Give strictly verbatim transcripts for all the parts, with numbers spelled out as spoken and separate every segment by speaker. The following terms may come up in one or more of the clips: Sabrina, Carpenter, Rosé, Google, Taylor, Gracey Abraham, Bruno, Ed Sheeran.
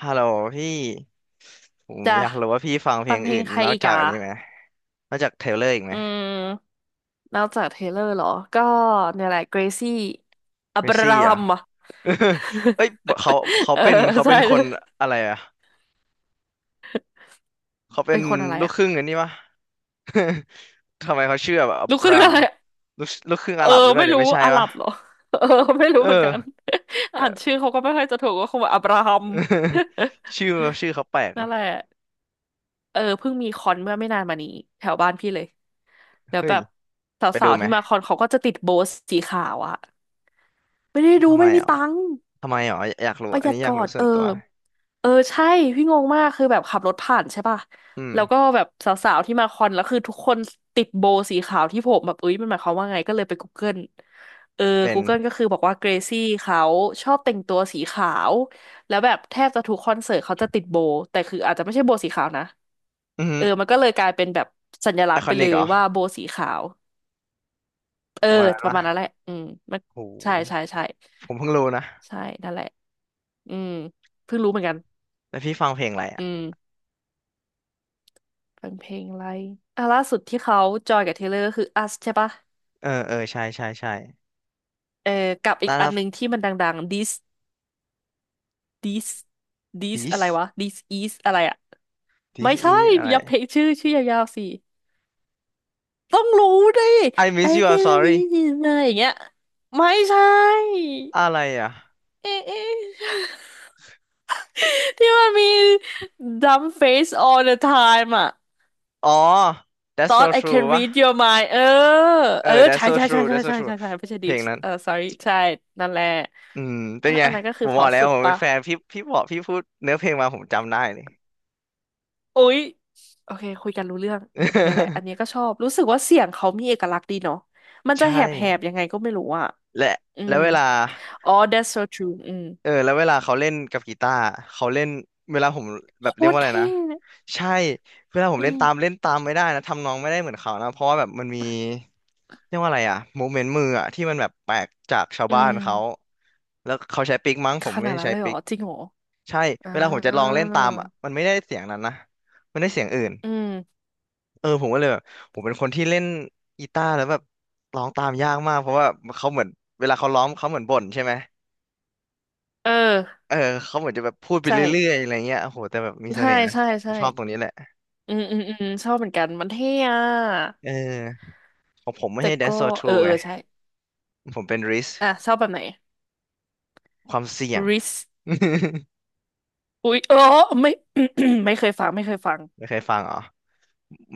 Speaker 1: ฮัลโหลพี่ผม
Speaker 2: จ้ะ
Speaker 1: อยากรู้ว่าพี่ฟังเพ
Speaker 2: ฟั
Speaker 1: ล
Speaker 2: ง
Speaker 1: ง
Speaker 2: เพล
Speaker 1: อื่
Speaker 2: ง
Speaker 1: น
Speaker 2: ใคร
Speaker 1: นอก
Speaker 2: อีก
Speaker 1: จาก
Speaker 2: อ่ะ
Speaker 1: อันนี้ไหมนอกจากเทเลอร์อีกไหม
Speaker 2: อืมนอกจากเทเลอร์เหรอ ก็เนี่ยแหละเกรซี่
Speaker 1: เก
Speaker 2: อั
Speaker 1: ร
Speaker 2: บ
Speaker 1: ซี่
Speaker 2: รา
Speaker 1: เหร
Speaker 2: ฮั
Speaker 1: อ
Speaker 2: มอ่ะ
Speaker 1: เอ้ยเขา เขา
Speaker 2: เออ
Speaker 1: เป็นเขาเป็
Speaker 2: ใช่
Speaker 1: นคนอะไรอ่ะเขาเป็
Speaker 2: เป็
Speaker 1: น
Speaker 2: นคนอะไร
Speaker 1: ลูก
Speaker 2: อ่ะ
Speaker 1: ครึ่งอันนี้ปะ ทำไมเขาเชื่อแบบอั
Speaker 2: ลูก
Speaker 1: บ
Speaker 2: ครึ่ง
Speaker 1: รา
Speaker 2: อะ
Speaker 1: ม
Speaker 2: ไรอะ
Speaker 1: ลูกลูกครึ่ง
Speaker 2: เอ
Speaker 1: อา
Speaker 2: อ
Speaker 1: หรับหรือเปล่า
Speaker 2: ไม่
Speaker 1: เนี่ย
Speaker 2: รู้
Speaker 1: ไม่ใช่
Speaker 2: อาหรั
Speaker 1: ปะ
Speaker 2: บเหรอ เออไม่รู้
Speaker 1: เออ
Speaker 2: เหมือนกัน อ่าน
Speaker 1: แต่
Speaker 2: ชื่อเขาก็ไม่ค่อยจะถูกก็คงแบบอับราฮัม
Speaker 1: ชื่อชื่อเขาแปลก
Speaker 2: นั่น
Speaker 1: เนาะ
Speaker 2: แหละเออเพิ่งมีคอนเมื่อไม่นานมานี้แถวบ้านพี่เลย แล้ว
Speaker 1: เฮ้
Speaker 2: แบ
Speaker 1: ย
Speaker 2: บส
Speaker 1: ไป
Speaker 2: า
Speaker 1: ดู
Speaker 2: วๆ
Speaker 1: ไหม
Speaker 2: ที่มาคอนเขาก็จะติดโบสสีขาวอะไม่ได้ดู
Speaker 1: ทำไม
Speaker 2: ไม่มี
Speaker 1: อ่ะ
Speaker 2: ตังค์
Speaker 1: ทำไมอ่ะอยากรู้
Speaker 2: ประห
Speaker 1: อัน
Speaker 2: ยัด
Speaker 1: นี้อยา
Speaker 2: ก่
Speaker 1: ก
Speaker 2: อ
Speaker 1: รู้
Speaker 2: น
Speaker 1: ส่
Speaker 2: เอ
Speaker 1: ว
Speaker 2: อ
Speaker 1: นตัว
Speaker 2: เออใช่พี่งงมากคือแบบขับรถผ่านใช่ป่ะ
Speaker 1: อืม
Speaker 2: แล้วก็แบบสาวๆที่มาคอนแล้วคือทุกคนติดโบว์สีขาวที่ผมแบบเอ้ยมันหมายความว่าไงก็เลยไป Google เออ
Speaker 1: เป็น
Speaker 2: Google ก็คือบอกว่าเกรซี่เขาชอบแต่งตัวสีขาวแล้วแบบแทบจะทุกคอนเสิร์ตเขาจะติดโบว์แต่คืออาจจะไม่ใช่โบว์สีขาวนะ
Speaker 1: อือ
Speaker 2: เออมันก็เลยกลายเป็นแบบสัญลั
Speaker 1: ไอ
Speaker 2: กษณ์
Speaker 1: ค
Speaker 2: ไป
Speaker 1: อ
Speaker 2: เล
Speaker 1: นิกเห
Speaker 2: ย
Speaker 1: รอ
Speaker 2: ว่าโบว์สีขาวเออ
Speaker 1: ประมาณนั้น
Speaker 2: ประมาณนั้น
Speaker 1: ปะ
Speaker 2: แหละอืมมัน
Speaker 1: โห
Speaker 2: ใช่ใช่ใช่
Speaker 1: ผมเพิ่งรู้นะ
Speaker 2: ใช่นั่นแหละอืมเพิ่งรู้เหมือนกัน
Speaker 1: แล้วพี่ฟังเพลงอะไรอ่ะ
Speaker 2: อืม ฟังเพลงอะไรอ่ะล่าสุดที่เขาจอยกับเทเลอร์ก็คือ Us ใช่ปะ
Speaker 1: เออ เออใช่ใช่ใช่
Speaker 2: เออกับอีก
Speaker 1: None
Speaker 2: อันหนึ่
Speaker 1: of
Speaker 2: งที่มันดังๆ This This This อะไร
Speaker 1: this
Speaker 2: วะ This is อะไรอะไม่
Speaker 1: this
Speaker 2: ใช่
Speaker 1: is อะไร
Speaker 2: อย่าเพลงชื่อชื่อยาวๆสิ ต้องรู้ดิ
Speaker 1: I
Speaker 2: I
Speaker 1: miss you I'm
Speaker 2: get
Speaker 1: sorry
Speaker 2: this is อะไรอย่างเงี้ย ไม่ใช่
Speaker 1: อะไรอ่ะ
Speaker 2: เอ๊ะเอ๊ะ ที่มันมี dumb face all the time อะ
Speaker 1: อ๋อ That's so
Speaker 2: thought I
Speaker 1: true
Speaker 2: can
Speaker 1: วะ
Speaker 2: read your mind เออ
Speaker 1: เออ
Speaker 2: เออ
Speaker 1: That's
Speaker 2: ใช่
Speaker 1: so
Speaker 2: ใช่ใช่
Speaker 1: true
Speaker 2: ใช่
Speaker 1: That's so
Speaker 2: ใช่
Speaker 1: true
Speaker 2: ใช่ใช่ไม่ใช่
Speaker 1: เพ
Speaker 2: ดิ
Speaker 1: ลง
Speaker 2: ส
Speaker 1: นั้น
Speaker 2: เออ sorry ใช่นั่นแหละ
Speaker 1: อืมเป็น
Speaker 2: อ่ะ
Speaker 1: ไง
Speaker 2: อันนั้นก็
Speaker 1: ผ
Speaker 2: คือ
Speaker 1: ม
Speaker 2: เพ
Speaker 1: บ
Speaker 2: อ
Speaker 1: อกแล้ว
Speaker 2: สุด
Speaker 1: ผมเป็น
Speaker 2: ปะ
Speaker 1: แฟนพี่พี่บอกพี่พูดเนื้อเพลงมาผมจำได้เลย
Speaker 2: อุ๊ยโอเคคุยกันรู้เรื่องอืมเนี่ยแหละอันนี้ก็ชอบรู้สึกว่าเสียงเขามีเอกลักษณ์ดีเนาะมัน
Speaker 1: ใช
Speaker 2: จะแหบแหบ
Speaker 1: ่
Speaker 2: ยังไงก็ไม่รู้อ่ะ
Speaker 1: และ
Speaker 2: อื
Speaker 1: แล้
Speaker 2: ม
Speaker 1: วเวลา
Speaker 2: อ๋อ that's so true อืม
Speaker 1: เออแล้วเวลาเขาเล่นกับกีตาร์เขาเล่นเวลาผมแบ
Speaker 2: โค
Speaker 1: บเรียก
Speaker 2: ต
Speaker 1: ว่า
Speaker 2: ร
Speaker 1: อะไรนะ
Speaker 2: เท่
Speaker 1: ใช่เวลาผม
Speaker 2: อื
Speaker 1: เล่นตาม
Speaker 2: ม
Speaker 1: เล่นตามไม่ได้นะทำนองไม่ได้เหมือนเขานะเพราะว่าแบบมันมีเรียกว่าอะไรอะโมเมนต์มืออะที่มันแบบแปลกจากชาว
Speaker 2: อื
Speaker 1: บ้าน
Speaker 2: ม
Speaker 1: เขาแล้วเขาใช้ปิกมั้งผ
Speaker 2: ข
Speaker 1: มไม่
Speaker 2: นาด
Speaker 1: ได้
Speaker 2: นั้น
Speaker 1: ใช้
Speaker 2: เลยเหร
Speaker 1: ปิ
Speaker 2: อ
Speaker 1: ก
Speaker 2: จริงเหรอ
Speaker 1: ใช่
Speaker 2: อ่า
Speaker 1: เวลาผมจะลองเล่นตามอะมันไม่ได้เสียงนั้นนะมันได้เสียงอื่น
Speaker 2: อืม
Speaker 1: เออผมก็เลยแบบผมเป็นคนที่เล่นกีตาร์แล้วแบบร้องตามยากมากเพราะว่าเขาเหมือนเวลาเขาร้องเขาเหมือนบ่นใช่ไหม
Speaker 2: เออ
Speaker 1: เออเขาเหมือนจะแบบพูดไป
Speaker 2: ใช่
Speaker 1: เรื่อยๆอะไรเงี้ยโอ้โหแต่แบบมีเส
Speaker 2: ใช่
Speaker 1: น่ห์นะ
Speaker 2: ใช่
Speaker 1: ผม
Speaker 2: ใช่
Speaker 1: ชอบตรงนี้แหละ
Speaker 2: อืมอืมอืมชอบเหมือนกันมันเท่อะ
Speaker 1: เออของผมไม่
Speaker 2: แต่
Speaker 1: ใช่
Speaker 2: ก็
Speaker 1: Dance So
Speaker 2: เออ
Speaker 1: True
Speaker 2: เอ
Speaker 1: ไง
Speaker 2: อใช่
Speaker 1: ผมเป็น Risk
Speaker 2: อ่ะชอบแบบไหน
Speaker 1: ความเสี่ยง
Speaker 2: ริสอุ๊ยเออไม่ ไม่เคยฟังไม่เคยฟัง
Speaker 1: ไม่เคยฟังเหรอ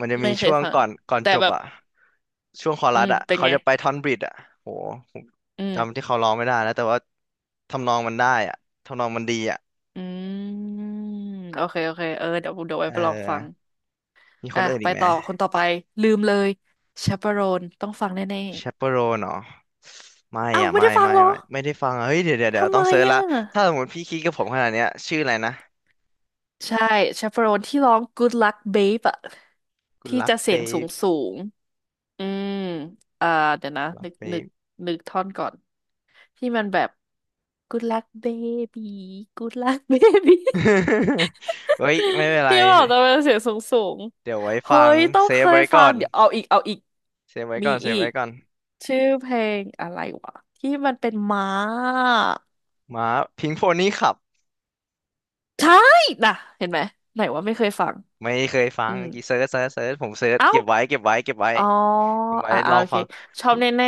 Speaker 1: มันจะมี
Speaker 2: ไม่เค
Speaker 1: ช่
Speaker 2: ย
Speaker 1: วง
Speaker 2: ฟัง
Speaker 1: ก่อนก่อน
Speaker 2: แต่
Speaker 1: จบ
Speaker 2: แบบ
Speaker 1: อะช่วงคอ
Speaker 2: อื
Speaker 1: รัส
Speaker 2: ม
Speaker 1: อะ
Speaker 2: เป็น
Speaker 1: เขา
Speaker 2: ไง
Speaker 1: จะไปท่อนบริดอะโหผม
Speaker 2: อืม
Speaker 1: จำที่เขาร้องไม่ได้แล้วแต่ว่าทำนองมันได้อะทำนองมันดีอะ
Speaker 2: อืมโอเคโอเคเออเดี๋ยวเดี๋ยวไว้
Speaker 1: เออ
Speaker 2: ไปลองฟัง
Speaker 1: มีค
Speaker 2: อ่ะ
Speaker 1: นอื่น
Speaker 2: ไป
Speaker 1: อีกไหม
Speaker 2: ต่อคนต่อไปลืมเลยชาปโรนต้องฟังแน่
Speaker 1: Chaperone เนาะไม่
Speaker 2: ๆอ้าว
Speaker 1: อ่ะ
Speaker 2: ไม่
Speaker 1: ไม่
Speaker 2: ได้ฟัง
Speaker 1: ไม่
Speaker 2: เหรอ
Speaker 1: ไม่ไม่ได้ฟังอะเฮ้ยเดี๋ยวเดี๋ยวเดี๋ยว
Speaker 2: ทำ
Speaker 1: ต้
Speaker 2: ไม
Speaker 1: องเซิร์ช
Speaker 2: อ่
Speaker 1: ละถ้า
Speaker 2: ะ
Speaker 1: สมมติพี่คิดกับผมขนาดเนี้ยชื่ออะไรนะ
Speaker 2: ใช่ชาปโรนที่ร้อง Good Luck Babe อะ
Speaker 1: กู
Speaker 2: ที่
Speaker 1: รัก
Speaker 2: จะเสียง
Speaker 1: เป๊
Speaker 2: สูงสูง อืม อ่า เดี๋ยวนะ
Speaker 1: ปรัก
Speaker 2: นึก
Speaker 1: เป๊
Speaker 2: นึก
Speaker 1: ป
Speaker 2: นึกท่อนก่อน ที่มันแบบ good luck baby good luck baby
Speaker 1: เฮ้ยไม่เป็นไร
Speaker 2: ที่บอกจะเป็นเสียงสูงสูง
Speaker 1: เดี๋ยวไว้
Speaker 2: เฮ้
Speaker 1: ฟัง
Speaker 2: ย ต้อง
Speaker 1: เซ
Speaker 2: เค
Speaker 1: ฟ
Speaker 2: ย
Speaker 1: ไว้
Speaker 2: ฟั
Speaker 1: ก่อ
Speaker 2: ง
Speaker 1: น
Speaker 2: เดี๋ยวเอาอีก เอาอีก
Speaker 1: เซฟไว้
Speaker 2: มี
Speaker 1: ก่อนเซ
Speaker 2: อี
Speaker 1: ฟไว้
Speaker 2: ก
Speaker 1: ก่อน
Speaker 2: ชื่อเพลงอะไรวะ ที่มันเป็นม้า
Speaker 1: มาพิงโฟนี่ขับ
Speaker 2: ใช่นะเห็นไหม ไหนว่าไม่เคยฟัง
Speaker 1: ไม่เคยฟั
Speaker 2: อื
Speaker 1: ง
Speaker 2: ม
Speaker 1: เมื่อกี่เซิร์ชเซิร์ชเซิร์ชผมเซิร์ช
Speaker 2: เอ้า
Speaker 1: เก็บไว้เก็บไว้เก็บไว้
Speaker 2: อ๋อ
Speaker 1: เก็บไว้
Speaker 2: อ่า
Speaker 1: ลอง
Speaker 2: โอเค
Speaker 1: ฟัง
Speaker 2: ชอบแน่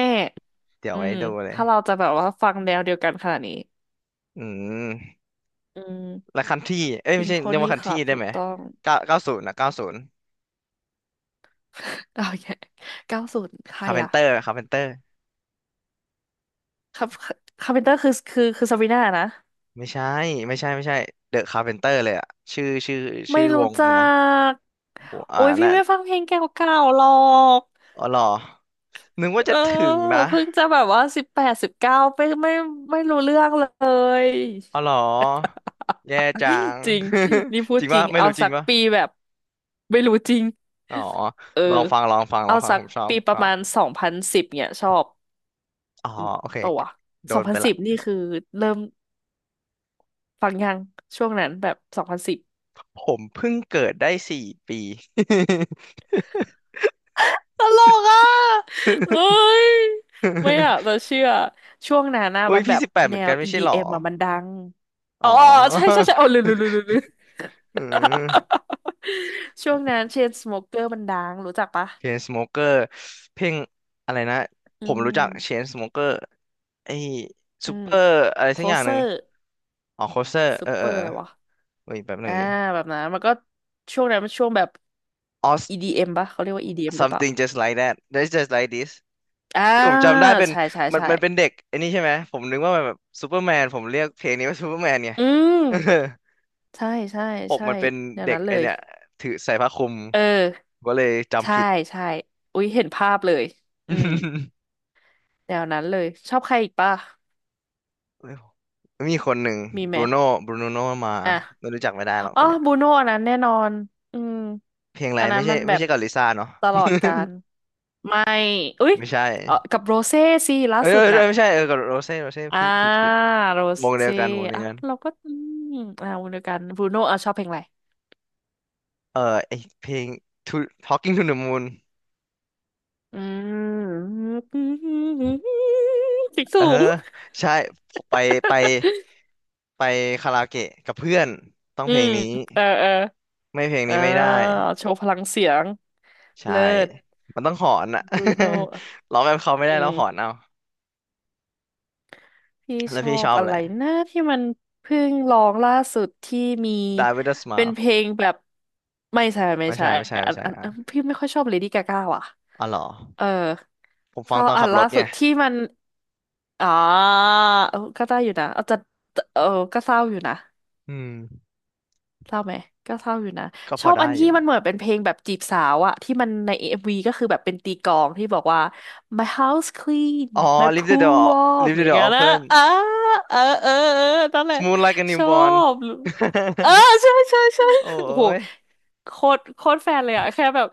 Speaker 1: เดี๋
Speaker 2: ๆ
Speaker 1: ยว
Speaker 2: อื
Speaker 1: ไว้
Speaker 2: ม
Speaker 1: ดูเลย
Speaker 2: ถ้าเราจะแบบว่าฟังแนวเดียวกันขนาดนี้
Speaker 1: อืม
Speaker 2: อืม
Speaker 1: และคันที่เอ้ย
Speaker 2: พิ
Speaker 1: ไม่
Speaker 2: ง
Speaker 1: ใช่
Speaker 2: โพ
Speaker 1: เรียกว่า
Speaker 2: นี่
Speaker 1: คัน
Speaker 2: ค
Speaker 1: ที่
Speaker 2: รับ
Speaker 1: ได้
Speaker 2: ถู
Speaker 1: ไห
Speaker 2: ก
Speaker 1: ม
Speaker 2: ต้อง
Speaker 1: เก้าเก้าศูนย์นะเก้าศูนย์
Speaker 2: โอเคเก้าศูนย์ใคร
Speaker 1: คาร์เพน
Speaker 2: อ่ะ
Speaker 1: เตอร์คาร์เพนเตอร์
Speaker 2: ครับคาร์เพนเตอร์คือ คือคือซาบรีน่านะ
Speaker 1: ไม่ใช่ไม่ใช่ไม่ใช่เดอะคาร์เพนเตอร์เลยอะชื่อชื่อ
Speaker 2: ไม่
Speaker 1: ชื่อว
Speaker 2: รู้
Speaker 1: ง
Speaker 2: จั
Speaker 1: มั้ง
Speaker 2: ก
Speaker 1: โหอ่า
Speaker 2: โอ้ย พี่
Speaker 1: น่ะ
Speaker 2: ไม่ฟังเพลงเก่าๆหรอก
Speaker 1: อ๋อเหรอนึกว่า
Speaker 2: เอ
Speaker 1: จะ
Speaker 2: อ
Speaker 1: ถึงนะ
Speaker 2: เพิ่งจะแบบว่าสิบแปดสิบเก้าไม่ไม่ไม่รู้เรื่องเลย
Speaker 1: อ๋อเหรอแย่จัง
Speaker 2: จริงนี่พู
Speaker 1: จ
Speaker 2: ด
Speaker 1: ริง
Speaker 2: จริ
Speaker 1: ปะ
Speaker 2: ง
Speaker 1: ไม่
Speaker 2: เอา
Speaker 1: รู้จริ
Speaker 2: สั
Speaker 1: ง
Speaker 2: ก
Speaker 1: ปะ
Speaker 2: ปีแบบไม่รู้จริง
Speaker 1: อ๋อ
Speaker 2: เออ
Speaker 1: ลองฟังลองฟังล
Speaker 2: เอา
Speaker 1: องฟัง
Speaker 2: สั
Speaker 1: ผ
Speaker 2: ก
Speaker 1: มชอบ
Speaker 2: ปี
Speaker 1: ผม
Speaker 2: ป
Speaker 1: ช
Speaker 2: ระ
Speaker 1: อบ
Speaker 2: มาณสองพันสิบเนี่ยชอบ
Speaker 1: อ๋อโอเค
Speaker 2: ปะวะ
Speaker 1: โด
Speaker 2: สอง
Speaker 1: น
Speaker 2: พั
Speaker 1: ไป
Speaker 2: นสิ
Speaker 1: ละ
Speaker 2: บนี่คือเริ่มฟังยังช่วงนั้นแบบสองพันสิบ
Speaker 1: ผมเพิ่งเกิดได้สี่ปี
Speaker 2: ตลกอ่ะเอ้ย ไม่อ่ะเรา เชื่อ ช่วงนั้นนะ
Speaker 1: อุ้ย
Speaker 2: มันแบ
Speaker 1: พี่
Speaker 2: บ
Speaker 1: สิบแปดเห
Speaker 2: แน
Speaker 1: มือนกั
Speaker 2: ว
Speaker 1: นไม่ใช่เหรอ
Speaker 2: อี ดี เอ็ม อมอ่ะ มันดัง
Speaker 1: อ๋
Speaker 2: อ๋
Speaker 1: อ
Speaker 2: อใช่ใช่ใช่โอ้ลืมลืมลืมลืมลืม
Speaker 1: อืม
Speaker 2: ช่วงนั้นเชนสโมเกอร์มันดัง รู้จักปะ
Speaker 1: เชนสโมเกอร์เพลงอะไรนะ
Speaker 2: อื
Speaker 1: ผมรู้จักเช
Speaker 2: ม
Speaker 1: นสโมเกอร์ไอ้
Speaker 2: อื
Speaker 1: ซูเป
Speaker 2: ม
Speaker 1: อร์อะไร
Speaker 2: โค
Speaker 1: สักอย่าง
Speaker 2: เซ
Speaker 1: ห
Speaker 2: อ
Speaker 1: นึ่ง
Speaker 2: ร์
Speaker 1: อ๋อโคสเตอร์
Speaker 2: ซู
Speaker 1: เออ
Speaker 2: เป
Speaker 1: เอ
Speaker 2: อ
Speaker 1: อ
Speaker 2: ร์
Speaker 1: เอ
Speaker 2: อะ
Speaker 1: อ
Speaker 2: ไรวะ
Speaker 1: เว้ยแป๊บหนึ่
Speaker 2: อ่า
Speaker 1: งดิ
Speaker 2: แบบนั้น มันก็ช่วงนั้นมันช่วงแบบ
Speaker 1: อ๋อ
Speaker 2: อี ดี เอ็ม ปะ เขาเรียกว่า อี ดี เอ็ม หรือเปล่า
Speaker 1: something just like that that's just like this
Speaker 2: อ่า
Speaker 1: ที่ผมจำได้เป็น
Speaker 2: ใช่ใช่
Speaker 1: มัน
Speaker 2: ใช่
Speaker 1: มันเป็นเด็กไอ้นี่ใช่ไหมผมนึกว่ามันแบบซูเปอร์แมนผมเรียกเพลงนี้ว่าซูเปอร์แมนไง
Speaker 2: อืมใช่ใช่
Speaker 1: ปก
Speaker 2: ใช่
Speaker 1: มันเป็น
Speaker 2: อย่าง
Speaker 1: เด็ก
Speaker 2: นั้นเล
Speaker 1: ไอ
Speaker 2: ย
Speaker 1: เนี่ยถือใส่ผ้าคลุม
Speaker 2: เออ
Speaker 1: ก็เลยจำ
Speaker 2: ใช่
Speaker 1: ผิด
Speaker 2: ใช่ อุ๊ยเห็นภาพเลย อืมแนวนั้นเลยชอบใครอีกป่ะ
Speaker 1: มีคนหนึ่ง
Speaker 2: มี
Speaker 1: บ
Speaker 2: ไหม
Speaker 1: รูโน่บรูโน่มา
Speaker 2: อ่ะ
Speaker 1: ไม่รู้จักไม่ได้หรอก
Speaker 2: อ๋
Speaker 1: ค
Speaker 2: อ
Speaker 1: นเนี้ย
Speaker 2: บูโน่อันนั้นแน่นอน อืม
Speaker 1: เพลงอะไร
Speaker 2: อันนั้
Speaker 1: ไม่
Speaker 2: น
Speaker 1: ใช่
Speaker 2: มันแบ
Speaker 1: ไม่
Speaker 2: บ
Speaker 1: ใช่กับลิซ่าเนาะ
Speaker 2: ตลอดการไม่ อุ๊ย
Speaker 1: ไม่ใช่
Speaker 2: เออกับโรเซ่สิล่า
Speaker 1: เออเอ
Speaker 2: สุด
Speaker 1: อเอ
Speaker 2: น่ะ
Speaker 1: อไม่ใช่เออกับโรเซ่โรเซ่
Speaker 2: อ่า
Speaker 1: ผิดผิดผิด
Speaker 2: โร
Speaker 1: วงเดีย
Speaker 2: เซ่
Speaker 1: วกันวงเดีย
Speaker 2: อ่ะ
Speaker 1: วกัน
Speaker 2: เราก็อืมอ่าวนเดียวกันบูโน่อ่ะชอบเพลงอะไร
Speaker 1: เออไอเพลง to Talking to the Moon
Speaker 2: อืม เสียง
Speaker 1: เออ
Speaker 2: สูง
Speaker 1: ใช่ไปไป ไปคาราโอเกะกับเพื่อนต้อง
Speaker 2: อื
Speaker 1: เพลง
Speaker 2: ม
Speaker 1: นี้
Speaker 2: เออเออ
Speaker 1: ไม่เพลง
Speaker 2: อ่า
Speaker 1: นี้ไม่ได้
Speaker 2: โชว์พลังเสียง
Speaker 1: ใช่
Speaker 2: เลิศ
Speaker 1: มันต้องหอนอ่ะ
Speaker 2: บรูโน่
Speaker 1: ร้องแบบเขาไม่
Speaker 2: อื
Speaker 1: ได้แล้วหอน
Speaker 2: ม
Speaker 1: เอา
Speaker 2: พี่
Speaker 1: แล้
Speaker 2: ช
Speaker 1: ว
Speaker 2: อ
Speaker 1: พี่ช
Speaker 2: บ
Speaker 1: อบ
Speaker 2: อะ
Speaker 1: อะไร
Speaker 2: ไรนะที่มันเพิ่งร้องล่าสุดที่มี
Speaker 1: Die with a
Speaker 2: เป็น
Speaker 1: smile
Speaker 2: เพลงแบบไม่ใช่ไม่
Speaker 1: ไม่
Speaker 2: ใช่
Speaker 1: ใช่ไม่ใช่
Speaker 2: อั
Speaker 1: ไม่
Speaker 2: น
Speaker 1: ใช่
Speaker 2: อันอัน
Speaker 1: อ่ะ
Speaker 2: พี่ไม่ค่อยชอบเลดี้กาก้าว่ะ
Speaker 1: อ๋อเหรอ
Speaker 2: เออ
Speaker 1: ผม
Speaker 2: ช
Speaker 1: ฟั
Speaker 2: อ
Speaker 1: งต
Speaker 2: บ
Speaker 1: อน
Speaker 2: อั
Speaker 1: ขั
Speaker 2: น
Speaker 1: บร
Speaker 2: ล่า
Speaker 1: ถไง
Speaker 2: สุดที่มันอ๋อเออก็ได้อยู่นะเอาจะเออก็เศร้าอยู่นะ
Speaker 1: อืม
Speaker 2: เศร้าไหมก็เศร้าอยู่นะ
Speaker 1: ก็พ
Speaker 2: ช
Speaker 1: อ
Speaker 2: อบอั
Speaker 1: ได้
Speaker 2: น
Speaker 1: อ
Speaker 2: ที่
Speaker 1: ยู่
Speaker 2: มันเหมือนเป็นเพลงแบบจีบสาวอะที่มันในเอ็มวีก็คือแบบเป็นตีกลองที่บอกว่า my house clean
Speaker 1: อ๋อ
Speaker 2: my
Speaker 1: Leave the
Speaker 2: pool
Speaker 1: door
Speaker 2: warm
Speaker 1: Leave
Speaker 2: อ
Speaker 1: the
Speaker 2: ย่าง
Speaker 1: door
Speaker 2: เงี้ยนะ
Speaker 1: open
Speaker 2: อ่าเออเออเออนั่นแหละ
Speaker 1: Smooth like a
Speaker 2: ชอ
Speaker 1: newborn
Speaker 2: บเออใช่ใช่ใช่
Speaker 1: โอ้
Speaker 2: โอ้โห
Speaker 1: ย
Speaker 2: โคตรโคตรแฟนเลยอะแค่แบบ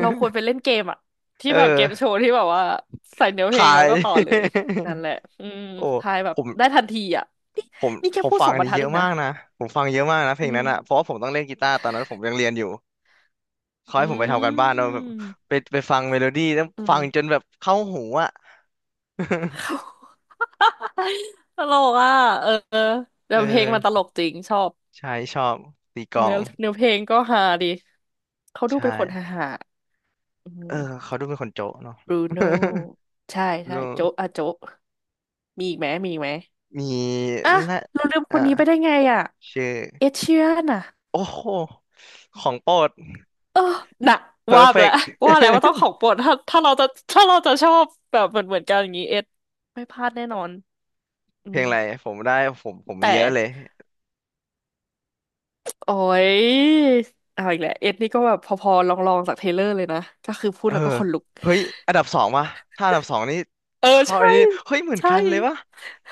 Speaker 2: เราควรไปเล่น เกมอะที่
Speaker 1: เอ
Speaker 2: แบบเกมโช
Speaker 1: อ
Speaker 2: ว์ที่แบบว่าใส่เนื้อเพล
Speaker 1: ทา
Speaker 2: งแล้ว
Speaker 1: ย
Speaker 2: ก็ต่อเลย นั่นแหละอืม
Speaker 1: โอ้
Speaker 2: ทายแบ
Speaker 1: ผ
Speaker 2: บ
Speaker 1: ม
Speaker 2: ได้ทันทีอะนี่
Speaker 1: ผม
Speaker 2: นี่แค่
Speaker 1: ผม
Speaker 2: พูด
Speaker 1: ฟั
Speaker 2: ส
Speaker 1: ง
Speaker 2: อง
Speaker 1: อั
Speaker 2: บ
Speaker 1: น
Speaker 2: รร
Speaker 1: นี้
Speaker 2: ทัด
Speaker 1: เย
Speaker 2: เอ
Speaker 1: อะ
Speaker 2: งนะ
Speaker 1: มากนะ ผมฟังเยอะมากนะเพลง
Speaker 2: อืม
Speaker 1: นั้นอ่ะ เพราะว่าผมต้องเล่นกีตาร์ตอนนั้นผมยังเรียนอยู่เขา
Speaker 2: อื
Speaker 1: ให้ผมไปทำการบ้านเนาแบบ
Speaker 2: ม
Speaker 1: ไปไปฟังเมโลดี้แล้ว
Speaker 2: อื
Speaker 1: ฟั
Speaker 2: ม
Speaker 1: งจนแบบเข้าหูอ่ะ
Speaker 2: เขาตลกอ่ะเออเนื้
Speaker 1: เอ
Speaker 2: อเพลงมันตล
Speaker 1: อ
Speaker 2: กจริงชอบ
Speaker 1: ใช่ชอบตีกลอ
Speaker 2: เนื้
Speaker 1: ง
Speaker 2: อเนื้อเพลงก็ฮาดีเขาดู
Speaker 1: ใช่
Speaker 2: เป็นคนฮาฮาอื
Speaker 1: เอ
Speaker 2: ม
Speaker 1: อ เขาดูเป็นคนโจ๊ะเนาะ
Speaker 2: บรูโน่ใช่ ใช่
Speaker 1: ดู
Speaker 2: โจ๊ะอ่ะโจ๊ะมีอีกไหมมีอีกไหม
Speaker 1: มี
Speaker 2: อ่ะ
Speaker 1: นะ
Speaker 2: เราลืมค
Speaker 1: อ่า
Speaker 2: นนี้ไปได้ไงอ่ะ
Speaker 1: ชื่อ
Speaker 2: เอเชียนอ่ะ
Speaker 1: โอ้โห ของโปรด
Speaker 2: เออน่ะว่าไปแล้ว
Speaker 1: perfect
Speaker 2: ว่าแล้วว่าต้องข องโปรดถ้าถ้าเราจะถ้าเราจะชอบแบบเหมือนเหมือนกันอย่างนี้เอ็ดไม่พลาดแน่นอนอื
Speaker 1: เพล
Speaker 2: ม
Speaker 1: งอะไรผมได้ผมผมมี
Speaker 2: แต่
Speaker 1: เยอะเลย
Speaker 2: โอ้ยเอาอีกแล้วเอ็ดนี่ก็แบบพอๆลองๆจากเทรลเลอร์เลยนะก็คือพู
Speaker 1: เอ
Speaker 2: ด
Speaker 1: อ
Speaker 2: แล้วก็ขนลุก
Speaker 1: เฮ้ยอันดับสองวะถ้าอันดับสองนี่
Speaker 2: เออ
Speaker 1: เข้า
Speaker 2: ใช่
Speaker 1: อันนี้เฮ้ยเหมือน
Speaker 2: ใช่
Speaker 1: กันเลยวะ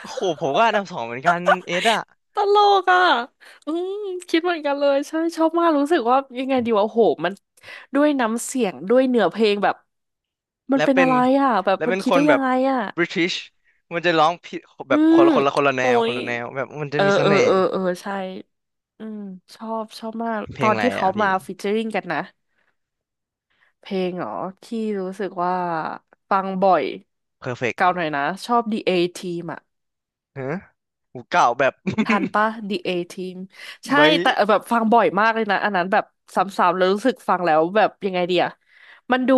Speaker 1: โอ้โห ผมก็อันดับสองเหมือนกันเอสอะ
Speaker 2: ตลกอ่ะอืมคิดเหมือนกันเลยใช่ชอบมากรู้สึกว่ายังไงดีวะโอ้โหมันด้วยน้ำเสียงด้วยเนื้อเพลงแบบมัน
Speaker 1: และ
Speaker 2: เป็น
Speaker 1: เป็
Speaker 2: อะ
Speaker 1: น
Speaker 2: ไรอ่ะแบบ
Speaker 1: และ
Speaker 2: มัน
Speaker 1: เป็น
Speaker 2: คิ
Speaker 1: ค
Speaker 2: ด
Speaker 1: น
Speaker 2: ได้
Speaker 1: แบ
Speaker 2: ยั
Speaker 1: บ
Speaker 2: งไงอ่ะ
Speaker 1: บริติชมันจะร้องผิด
Speaker 2: อื
Speaker 1: แบบค
Speaker 2: ม
Speaker 1: นละคนละคนละแน
Speaker 2: โอ้
Speaker 1: วคน
Speaker 2: ย
Speaker 1: ละแนวแบบมันจะ
Speaker 2: เออ
Speaker 1: มีเส
Speaker 2: เออ
Speaker 1: น่ห์
Speaker 2: เออเออใช่ อืมชอบชอบมาก
Speaker 1: เพ
Speaker 2: ต
Speaker 1: ล
Speaker 2: อ
Speaker 1: ง
Speaker 2: น
Speaker 1: อะไร
Speaker 2: ที่เขา
Speaker 1: อะพี่
Speaker 2: มาฟีเจอริ่งกันนะ เพลงเหรอ ที่รู้สึกว่าฟังบ่อย
Speaker 1: perfect
Speaker 2: เก่าหน่อยนะ ชอบ The A Team อะ
Speaker 1: ฮะหูเก่าแบบ
Speaker 2: ทันปะ The A Team ใช่
Speaker 1: ไม่
Speaker 2: แต่แบบฟังบ่อยมากเลยนะ อันนั้นแบบซ้ำๆแล้วรู้สึกฟังแล้วแบบยังไงเดียมันดู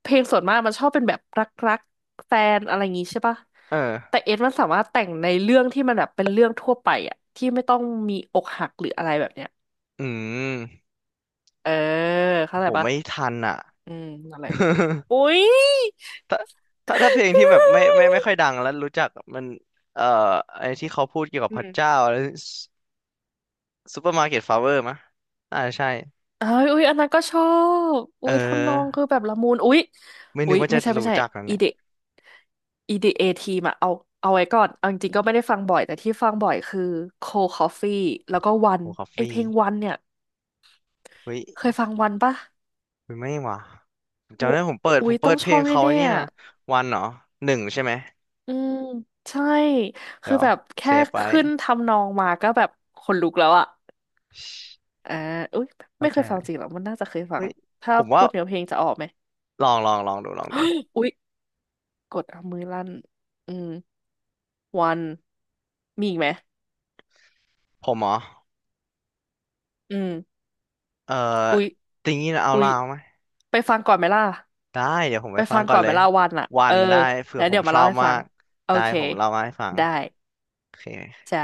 Speaker 2: เพลงส่วนมากมันชอบเป็นแบบรักๆแฟนอะไรอย่างงี้ใช่ปะ
Speaker 1: เออ
Speaker 2: แต่เอสมันสามารถแต่งในเรื่องที่มันแบบเป็นเรื่องทั่วไปอะที่ไม่ต้องมีอกหักหรืออะไรแบบเนี้ย
Speaker 1: อืม
Speaker 2: เออเข้า
Speaker 1: ผ
Speaker 2: ใจ
Speaker 1: ม
Speaker 2: ปะ
Speaker 1: ไม่ทันอะ
Speaker 2: อืมนั่นแหละอุ้ย
Speaker 1: ถ้าถ้าถ้าเพลงที่แบบไม่ไม่ไม่ค่อ ยดังแล้วรู้จักมันเอ่อไอ้ที่เขาพูดเกี่ยวกับ
Speaker 2: อื
Speaker 1: พระเจ้า
Speaker 2: ม
Speaker 1: อะไร ซูเปอร์มาร์เก็ตฟลาเวอร์มะอ่าใช่
Speaker 2: เอ้ยอุ้ยอันนั้นก็ชอบ
Speaker 1: เ
Speaker 2: อุ้ยทำนอง
Speaker 1: ออ
Speaker 2: คือแบบละมุนอุ้ย
Speaker 1: ไม่
Speaker 2: อุ้
Speaker 1: นึก
Speaker 2: ย
Speaker 1: ว่าจะ
Speaker 2: ไม่ใช่ไม่
Speaker 1: รู้
Speaker 2: ใช่
Speaker 1: จักนะ
Speaker 2: อี
Speaker 1: เนี่ย
Speaker 2: เด อี ดี เอ ทีมอะเอาเอาไว้ก่อนเอาจริงๆก็ไม่ได้ฟังบ่อยแต่ที่ฟังบ่อยคือ Cold Coffee แล้วก็วัน
Speaker 1: โอ้คอฟ
Speaker 2: ไอเพ
Speaker 1: ฟี่
Speaker 2: ลงวันเนี่ย
Speaker 1: เฮ้ย
Speaker 2: เคยฟังวันปะ
Speaker 1: เฮ้ยไม่หว่ะ
Speaker 2: โอ้
Speaker 1: จำได้ผมเปิด
Speaker 2: อุ๊
Speaker 1: ผ
Speaker 2: ย
Speaker 1: มเปิ
Speaker 2: ต้อ
Speaker 1: ด
Speaker 2: ง
Speaker 1: เพ
Speaker 2: ช
Speaker 1: ล
Speaker 2: อ
Speaker 1: ง
Speaker 2: บ
Speaker 1: เขาไอั
Speaker 2: แน่
Speaker 1: นนี้
Speaker 2: ๆ
Speaker 1: นะ
Speaker 2: อะ
Speaker 1: วันเหรอหนึ่งใช่ไหม
Speaker 2: อืมใช่คื
Speaker 1: เดี๋
Speaker 2: อ
Speaker 1: ยว
Speaker 2: แบบ
Speaker 1: เซ
Speaker 2: แค่
Speaker 1: ฟไว้
Speaker 2: ขึ้นทำนองมาก็แบบขนลุกแล้วอะ
Speaker 1: ชิ
Speaker 2: อ่าอุ๊ย
Speaker 1: เข้า
Speaker 2: ไม่เค
Speaker 1: ใจ
Speaker 2: ยฟัง
Speaker 1: เลย
Speaker 2: จริงหรอมันน่าจะเคยฟัง
Speaker 1: เฮ้ย
Speaker 2: ถ้า
Speaker 1: ผมว่า
Speaker 2: พูดเนื้อเพลงจะออกไหม
Speaker 1: ลองลองลองดูลองดู
Speaker 2: อุ๊ยกดเอามือลั่นอืม วันมีอีกไหม
Speaker 1: ผมเหรอ
Speaker 2: อืม
Speaker 1: เออ
Speaker 2: อุ๊ย
Speaker 1: ติงนี้นะเอา
Speaker 2: อุ๊ย
Speaker 1: ลาวไหม
Speaker 2: ไปฟังก่อนไหมล่ะ
Speaker 1: ได้ เดี๋ยวผม
Speaker 2: ไป
Speaker 1: ไปฟั
Speaker 2: ฟั
Speaker 1: ง
Speaker 2: ง
Speaker 1: ก่อ
Speaker 2: ก่
Speaker 1: น
Speaker 2: อน
Speaker 1: เล
Speaker 2: ไหม
Speaker 1: ย
Speaker 2: ล่ะวันอ่ะ
Speaker 1: วั
Speaker 2: เออ
Speaker 1: นได้เผื่อ
Speaker 2: แล้ว
Speaker 1: ผ
Speaker 2: เดี๋
Speaker 1: ม
Speaker 2: ยวมา
Speaker 1: ชอ
Speaker 2: เล่า
Speaker 1: บ
Speaker 2: ให้
Speaker 1: มา
Speaker 2: ฟัง
Speaker 1: ก
Speaker 2: โอ
Speaker 1: ได้
Speaker 2: เค
Speaker 1: ผมเล่ามาให้ฟัง
Speaker 2: ได้
Speaker 1: โอเค
Speaker 2: จ้า